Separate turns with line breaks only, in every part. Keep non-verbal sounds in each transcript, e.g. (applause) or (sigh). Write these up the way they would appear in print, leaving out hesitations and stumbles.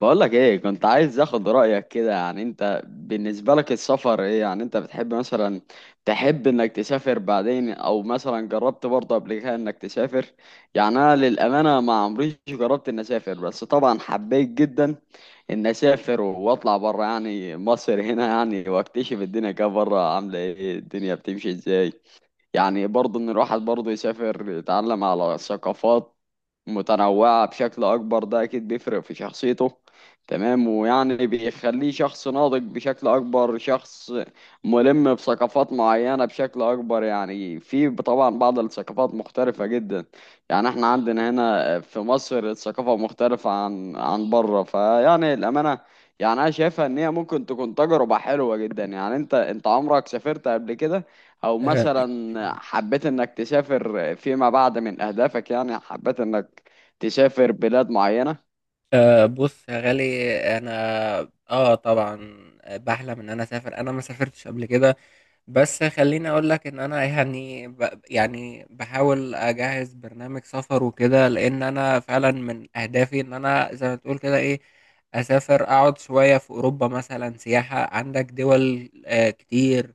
بقولك ايه، كنت عايز اخد رأيك كده. يعني انت بالنسبة لك السفر ايه؟ يعني انت بتحب مثلا تحب انك تسافر بعدين، او مثلا جربت برضه قبل كده انك تسافر؟ يعني انا للأمانة ما عمريش جربت اني اسافر، بس طبعا حبيت جدا اني اسافر واطلع بره يعني مصر هنا، يعني واكتشف الدنيا كده بره عاملة ايه، الدنيا بتمشي ازاي. يعني برضه ان الواحد برضه يسافر يتعلم على ثقافات متنوعة بشكل أكبر، ده أكيد بيفرق في شخصيته. تمام، ويعني بيخليه شخص ناضج بشكل أكبر، شخص ملم بثقافات معينة بشكل أكبر. يعني في طبعا بعض الثقافات مختلفة جدا. يعني احنا عندنا هنا في مصر الثقافة مختلفة عن بره. فيعني الأمانة يعني أنا شايفها إن هي ممكن تكون تجربة حلوة جدا. يعني أنت عمرك سافرت قبل كده؟ او
أه
مثلا حبيت انك تسافر فيما بعد، من اهدافك يعني حبيت انك تسافر بلاد معينة؟
أه بص يا غالي، انا اه طبعا، بحلم ان انا اسافر. انا ما سافرتش قبل كده، بس خليني اقول لك ان انا يعني بحاول اجهز برنامج سفر وكده، لان انا فعلا من اهدافي ان انا زي ما تقول كده ايه، اسافر اقعد شوية في اوروبا مثلا سياحة. عندك دول كتير،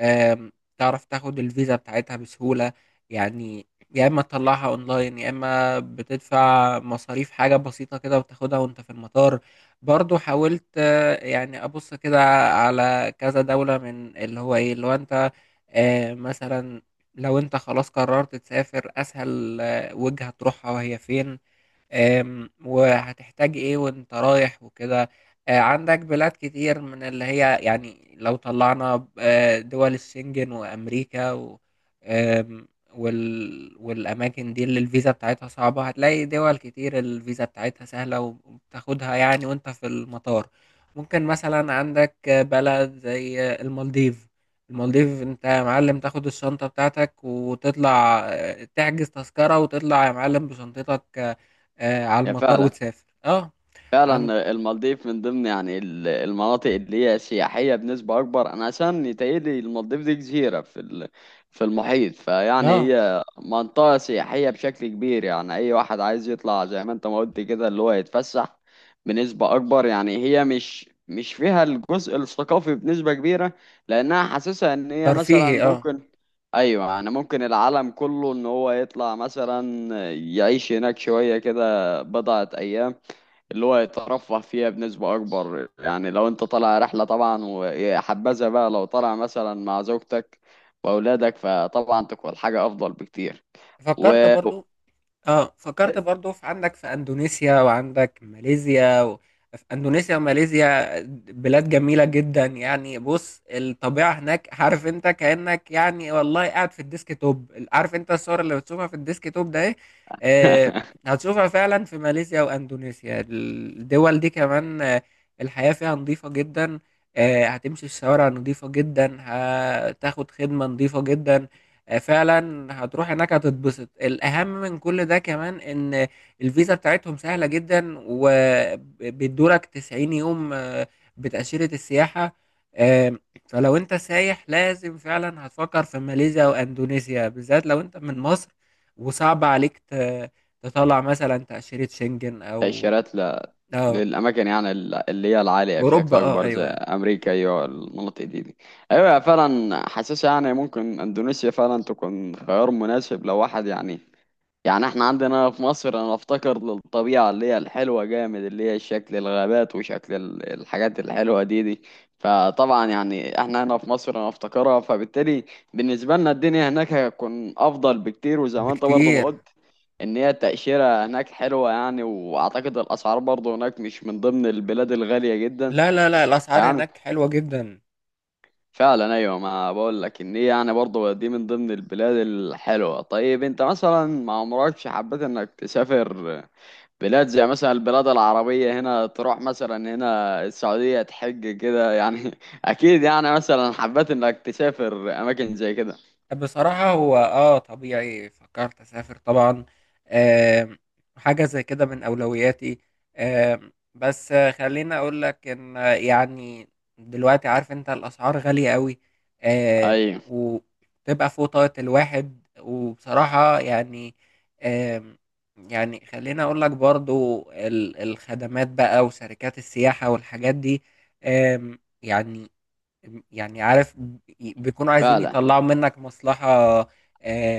آم، تعرف تاخد الفيزا بتاعتها بسهولة. يعني يا اما تطلعها اونلاين يا اما بتدفع مصاريف حاجة بسيطة كده وتاخدها وانت في المطار. برضو حاولت يعني ابص كده على كذا دولة من اللي هو انت. مثلا لو انت خلاص قررت تسافر، اسهل وجهة تروحها وهي فين؟ وهتحتاج ايه وانت رايح وكده. عندك بلاد كتير من اللي هي، يعني لو طلعنا دول الشنجن وامريكا و آم، وال والاماكن دي اللي الفيزا بتاعتها صعبة، هتلاقي دول كتير الفيزا بتاعتها سهلة وبتاخدها يعني وانت في المطار. ممكن مثلا عندك بلد زي المالديف. المالديف انت يا معلم تاخد الشنطة بتاعتك وتطلع، تحجز تذكرة وتطلع يا معلم بشنطتك على
يا
المطار
فعلا،
وتسافر. اه عن
فعلا المالديف من ضمن يعني المناطق اللي هي سياحية بنسبة أكبر. أنا عشان يتهيألي المالديف دي جزيرة في في المحيط. فيعني
اه
هي منطقة سياحية بشكل كبير. يعني أي واحد عايز يطلع زي ما أنت ما قلت كده اللي هو يتفسح بنسبة أكبر، يعني هي مش فيها الجزء الثقافي بنسبة كبيرة. لأنها حاسسها إن هي
ترفيهي.
مثلا
اه
ممكن، أيوة يعني ممكن العالم كله إن هو يطلع مثلا يعيش هناك شوية كده بضعة أيام اللي هو يترفه فيها بنسبة أكبر. يعني لو أنت طالع رحلة طبعا، وحبذا بقى لو طالع مثلا مع زوجتك وأولادك فطبعا تكون حاجة أفضل بكتير. و
فكرت برضو اه فكرت برضو في عندك في اندونيسيا وعندك ماليزيا في اندونيسيا وماليزيا، بلاد جميلة جدا. يعني بص الطبيعة هناك، عارف انت كأنك يعني والله قاعد في الديسك توب. عارف انت الصور اللي بتشوفها في الديسك توب ده ايه؟ آه
(laughs)
هتشوفها فعلا في ماليزيا واندونيسيا. الدول دي كمان، الحياة فيها نظيفة جدا. هتمشي الشوارع نظيفة جدا، هتاخد خدمة نظيفة جدا. فعلا هتروح هناك هتتبسط. الأهم من كل ده كمان إن الفيزا بتاعتهم سهلة جدا، وبيدولك 90 يوم بتأشيرة السياحة. آم، فلو أنت سايح لازم فعلا هتفكر في ماليزيا وأندونيسيا، بالذات لو أنت من مصر وصعب عليك تطلع مثلا تأشيرة شنجن أو
تأشيرات
أو
للأماكن يعني اللي هي العالية بشكل
أوروبا.
أكبر زي
أيوه،
أمريكا، أيوة المناطق دي. أيوة فعلا حاسسها يعني ممكن إندونيسيا فعلا تكون خيار مناسب لو واحد يعني، يعني احنا عندنا في مصر انا افتكر للطبيعة اللي هي الحلوة جامد، اللي هي شكل الغابات وشكل الحاجات الحلوة دي. فطبعا يعني احنا هنا في مصر انا افتكرها، فبالتالي بالنسبة لنا الدنيا هناك هتكون افضل بكتير. وزي ما انت برضه ما
بكتير.
قلت ان هي التأشيرة هناك حلوة. يعني واعتقد الاسعار برضه هناك مش من ضمن البلاد الغالية جدا.
لا لا لا، الأسعار
فيعني
هناك حلوة جدا.
فعلا ايوه ما بقول لك ان هي يعني برضه دي من ضمن البلاد الحلوة. طيب انت مثلا ما عمركش حبيت انك تسافر بلاد زي مثلا البلاد العربية، هنا تروح مثلا هنا السعودية تحج كده يعني (laughs) أكيد يعني مثلا حبيت إنك تسافر أماكن زي كده.
بصراحة هو طبيعي فكرت اسافر طبعا. آم، حاجة زي كده من اولوياتي. بس خليني اقول لك ان يعني دلوقتي عارف انت الاسعار غالية قوي.
أيوة
وتبقى فوق طاقة الواحد، وبصراحة يعني آم، يعني خليني اقول لك برضو الخدمات بقى وشركات السياحة والحاجات دي. يعني، يعني عارف بيكونوا عايزين
فعلا،
يطلعوا منك مصلحة.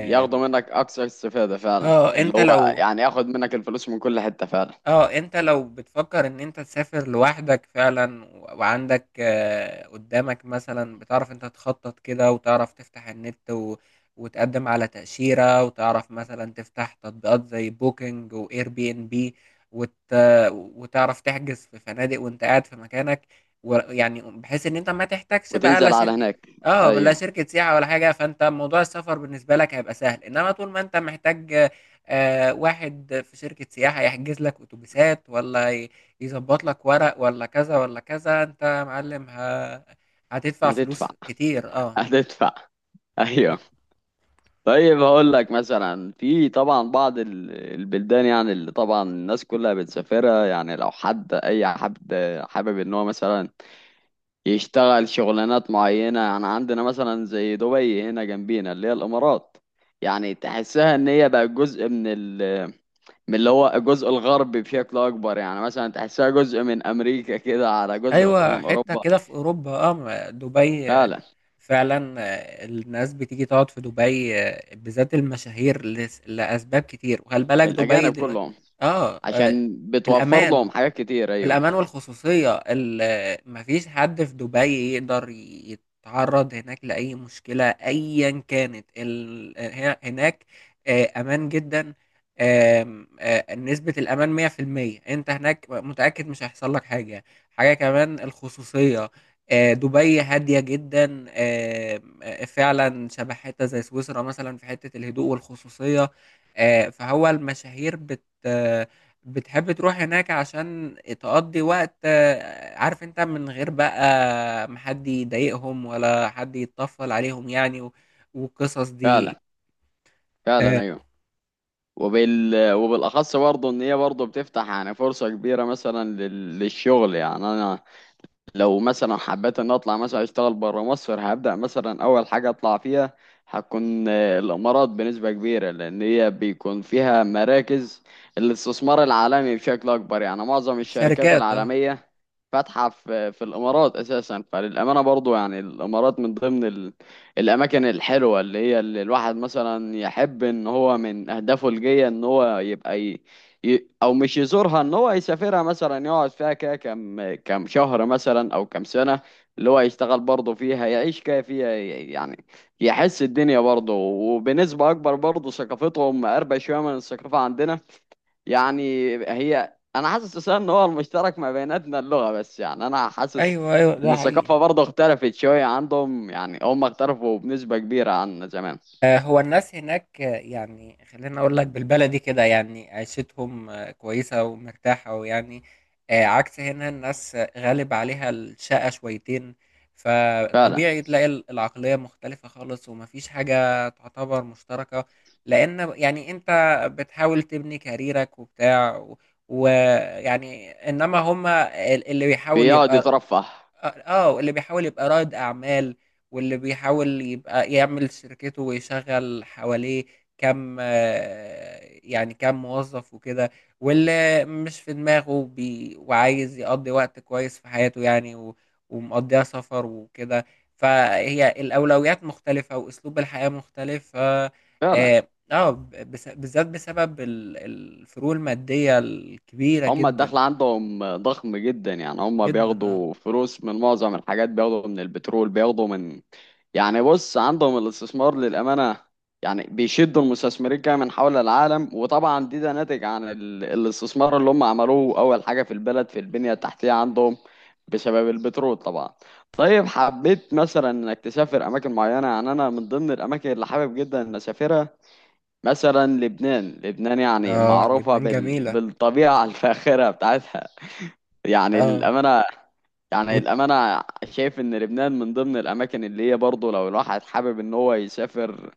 ياخدوا منك أكثر استفادة فعلا،
اه
اللي
انت
هو
لو
يعني ياخد منك الفلوس من كل حتة فعلا.
اه انت لو بتفكر ان انت تسافر لوحدك فعلا وعندك قدامك، مثلا بتعرف انت تخطط كده وتعرف تفتح النت وتقدم على تأشيرة وتعرف مثلا تفتح تطبيقات زي بوكينج واير بي ان بي، وت... وتعرف تحجز في فنادق وانت قاعد في مكانك. ويعني بحيث ان انت ما تحتاجش بقى لا
وتنزل على
شركة،
هناك.
اه لا
أيوة
شركة سياحة ولا حاجة. فانت موضوع السفر بالنسبة لك هيبقى سهل، انما طول ما انت محتاج واحد في شركة سياحة يحجز لك أتوبيسات، ولا يظبط لك ورق، ولا كذا ولا كذا، أنت يا معلم هتدفع
هتدفع
فلوس كتير.
(laughs) هتدفع. أيوة. طيب هقول لك مثلا في طبعا بعض البلدان، يعني اللي طبعا الناس كلها بتسافرها. يعني لو حد أي حد حابب إن هو مثلا يشتغل شغلانات معينة، يعني عندنا مثلا زي دبي هنا جنبينا اللي هي الإمارات. يعني تحسها إن هي بقى جزء من ال، من اللي هو الجزء الغربي بشكل أكبر. يعني مثلا تحسها جزء من أمريكا كده، على جزء
أيوة،
من
حتة
أوروبا.
كده في أوروبا، دبي
فعلا
فعلا. الناس بتيجي تقعد في دبي، بالذات المشاهير، لأسباب كتير. وخلي بالك دبي
الأجانب
دلوقتي،
كلهم
أه آه،
عشان بتوفر
الأمان
لهم حاجات كتير، أيوه.
الأمان والخصوصية. مفيش حد في دبي يقدر يتعرض هناك لأي مشكلة أيا كانت، هناك أمان جدا. آم، آه، نسبة الأمان 100%، أنت هناك متأكد مش هيحصل لك حاجة. حاجة كمان الخصوصية، دبي هادية جدا. آم، آه، فعلا شبه حتة زي سويسرا مثلا في حتة الهدوء والخصوصية. فهو المشاهير بتحب تروح هناك عشان تقضي وقت، عارف انت، من غير بقى ما حد يضايقهم ولا حد يتطفل عليهم يعني والقصص
فعلا،
دي.
فعلا
آه،
أيوه. وبال وبالأخص برضه إن هي برضه بتفتح يعني فرصة كبيرة مثلا للشغل. يعني أنا لو مثلا حبيت ان اطلع مثلا اشتغل بره مصر، هبدأ مثلا اول حاجة اطلع فيها هتكون الامارات بنسبة كبيرة. لان هي بيكون فيها مراكز الاستثمار العالمي بشكل اكبر. يعني معظم الشركات
الشركات. اه
العالمية فاتحة في الامارات اساسا. فللامانة برضو يعني الامارات من ضمن الاماكن الحلوة اللي هي اللي الواحد مثلا يحب ان هو من اهدافه الجاية ان هو يبقى او مش يزورها، ان هو يسافرها مثلا يقعد فيها كده كم شهر مثلا او كم سنة. اللي هو يشتغل برضه فيها يعيش كده فيها يعني يحس الدنيا برضه. وبنسبة اكبر برضه ثقافتهم مقربة شوية من الثقافة عندنا. يعني هي انا حاسس أساساً ان هو المشترك ما بيناتنا اللغة بس. يعني انا حاسس
ايوه ايوه
ان
ده حقيقي.
الثقافة برضه اختلفت شوية عندهم. يعني هم اختلفوا بنسبة كبيرة عن زمان.
هو الناس هناك، يعني خلينا اقول لك بالبلدي كده، يعني عيشتهم كويسة ومرتاحة ويعني عكس هنا الناس غالب عليها الشقة شويتين،
فعلا.
فطبيعي تلاقي العقلية مختلفة خالص ومفيش حاجة تعتبر مشتركة. لان يعني انت بتحاول تبني كاريرك وبتاع، ويعني انما هما اللي بيحاول
بيقعد
يبقى
يترفه.
اللي بيحاول يبقى رائد اعمال، واللي بيحاول يبقى يعمل شركته ويشغل حواليه كم، يعني كم موظف وكده. واللي مش في دماغه بي وعايز يقضي وقت كويس في حياته يعني ومقضيها سفر وكده. فهي الأولويات مختلفة وأسلوب الحياة مختلف، ف اه
فعلا.
آه، بس- بالذات بسبب الفروق المادية الكبيرة
هم الدخل
جدا
عندهم ضخم جدا. يعني هم
جدا. اه
بياخدوا فلوس من معظم الحاجات، بياخدوا من البترول، بياخدوا من، يعني بص عندهم الاستثمار للأمانة، يعني بيشدوا المستثمرين كده من حول العالم. وطبعا دي ده ناتج عن الاستثمار اللي هم عملوه أول حاجة في البلد في البنية التحتية عندهم بسبب البترول طبعا. طيب حبيت مثلا انك تسافر اماكن معينة؟ يعني انا من ضمن الاماكن اللي حابب جدا ان اسافرها مثلا لبنان. لبنان يعني
اه
معروفة
لبنان جميلة.
بالطبيعة (laughs) الفاخرة بتاعتها. يعني
اه
للأمانة يعني
وتل...
الأمانة شايف إن لبنان من ضمن الأماكن اللي هي برضه لو الواحد حابب إن هو يسافر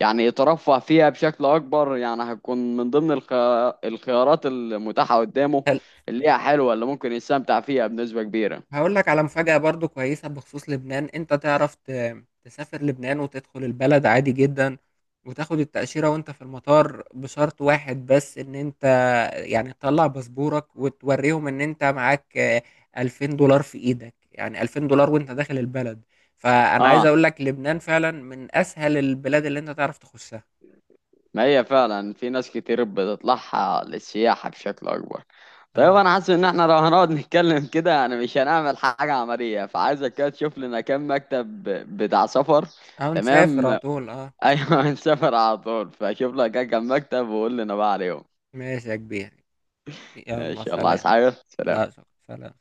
يعني يترفه فيها بشكل أكبر. يعني هتكون من ضمن الخيارات المتاحة قدامه اللي هي حلوة، اللي ممكن يستمتع فيها بنسبة كبيرة.
هقول لك على مفاجأة برضو كويسة بخصوص لبنان. انت تعرف تسافر لبنان وتدخل البلد عادي جدا، وتاخد التأشيرة وانت في المطار، بشرط واحد بس ان انت يعني تطلع باسبورك وتوريهم ان انت معاك 2000 دولار في ايدك. يعني 2000 دولار وانت داخل البلد. فأنا عايز
آه،
اقول لك لبنان فعلا من اسهل البلاد اللي انت تعرف تخشها.
ما هي فعلا في ناس كتير بتطلعها للسياحة بشكل أكبر. طيب
اه
أنا حاسس إن إحنا لو هنقعد نتكلم كده يعني مش هنعمل حاجة عملية. فعايزك كده تشوف لنا كام مكتب بتاع سفر.
اه نسافر
تمام
على طول. اه
(laughs) أيوة هنسافر على طول، فشوف لك كام مكتب وقول لنا بقى عليهم.
ماشي يا كبير،
إن
يلا
شاء الله. عايز
سلام.
حاجة؟ سلام.
لا شكرا، سلام.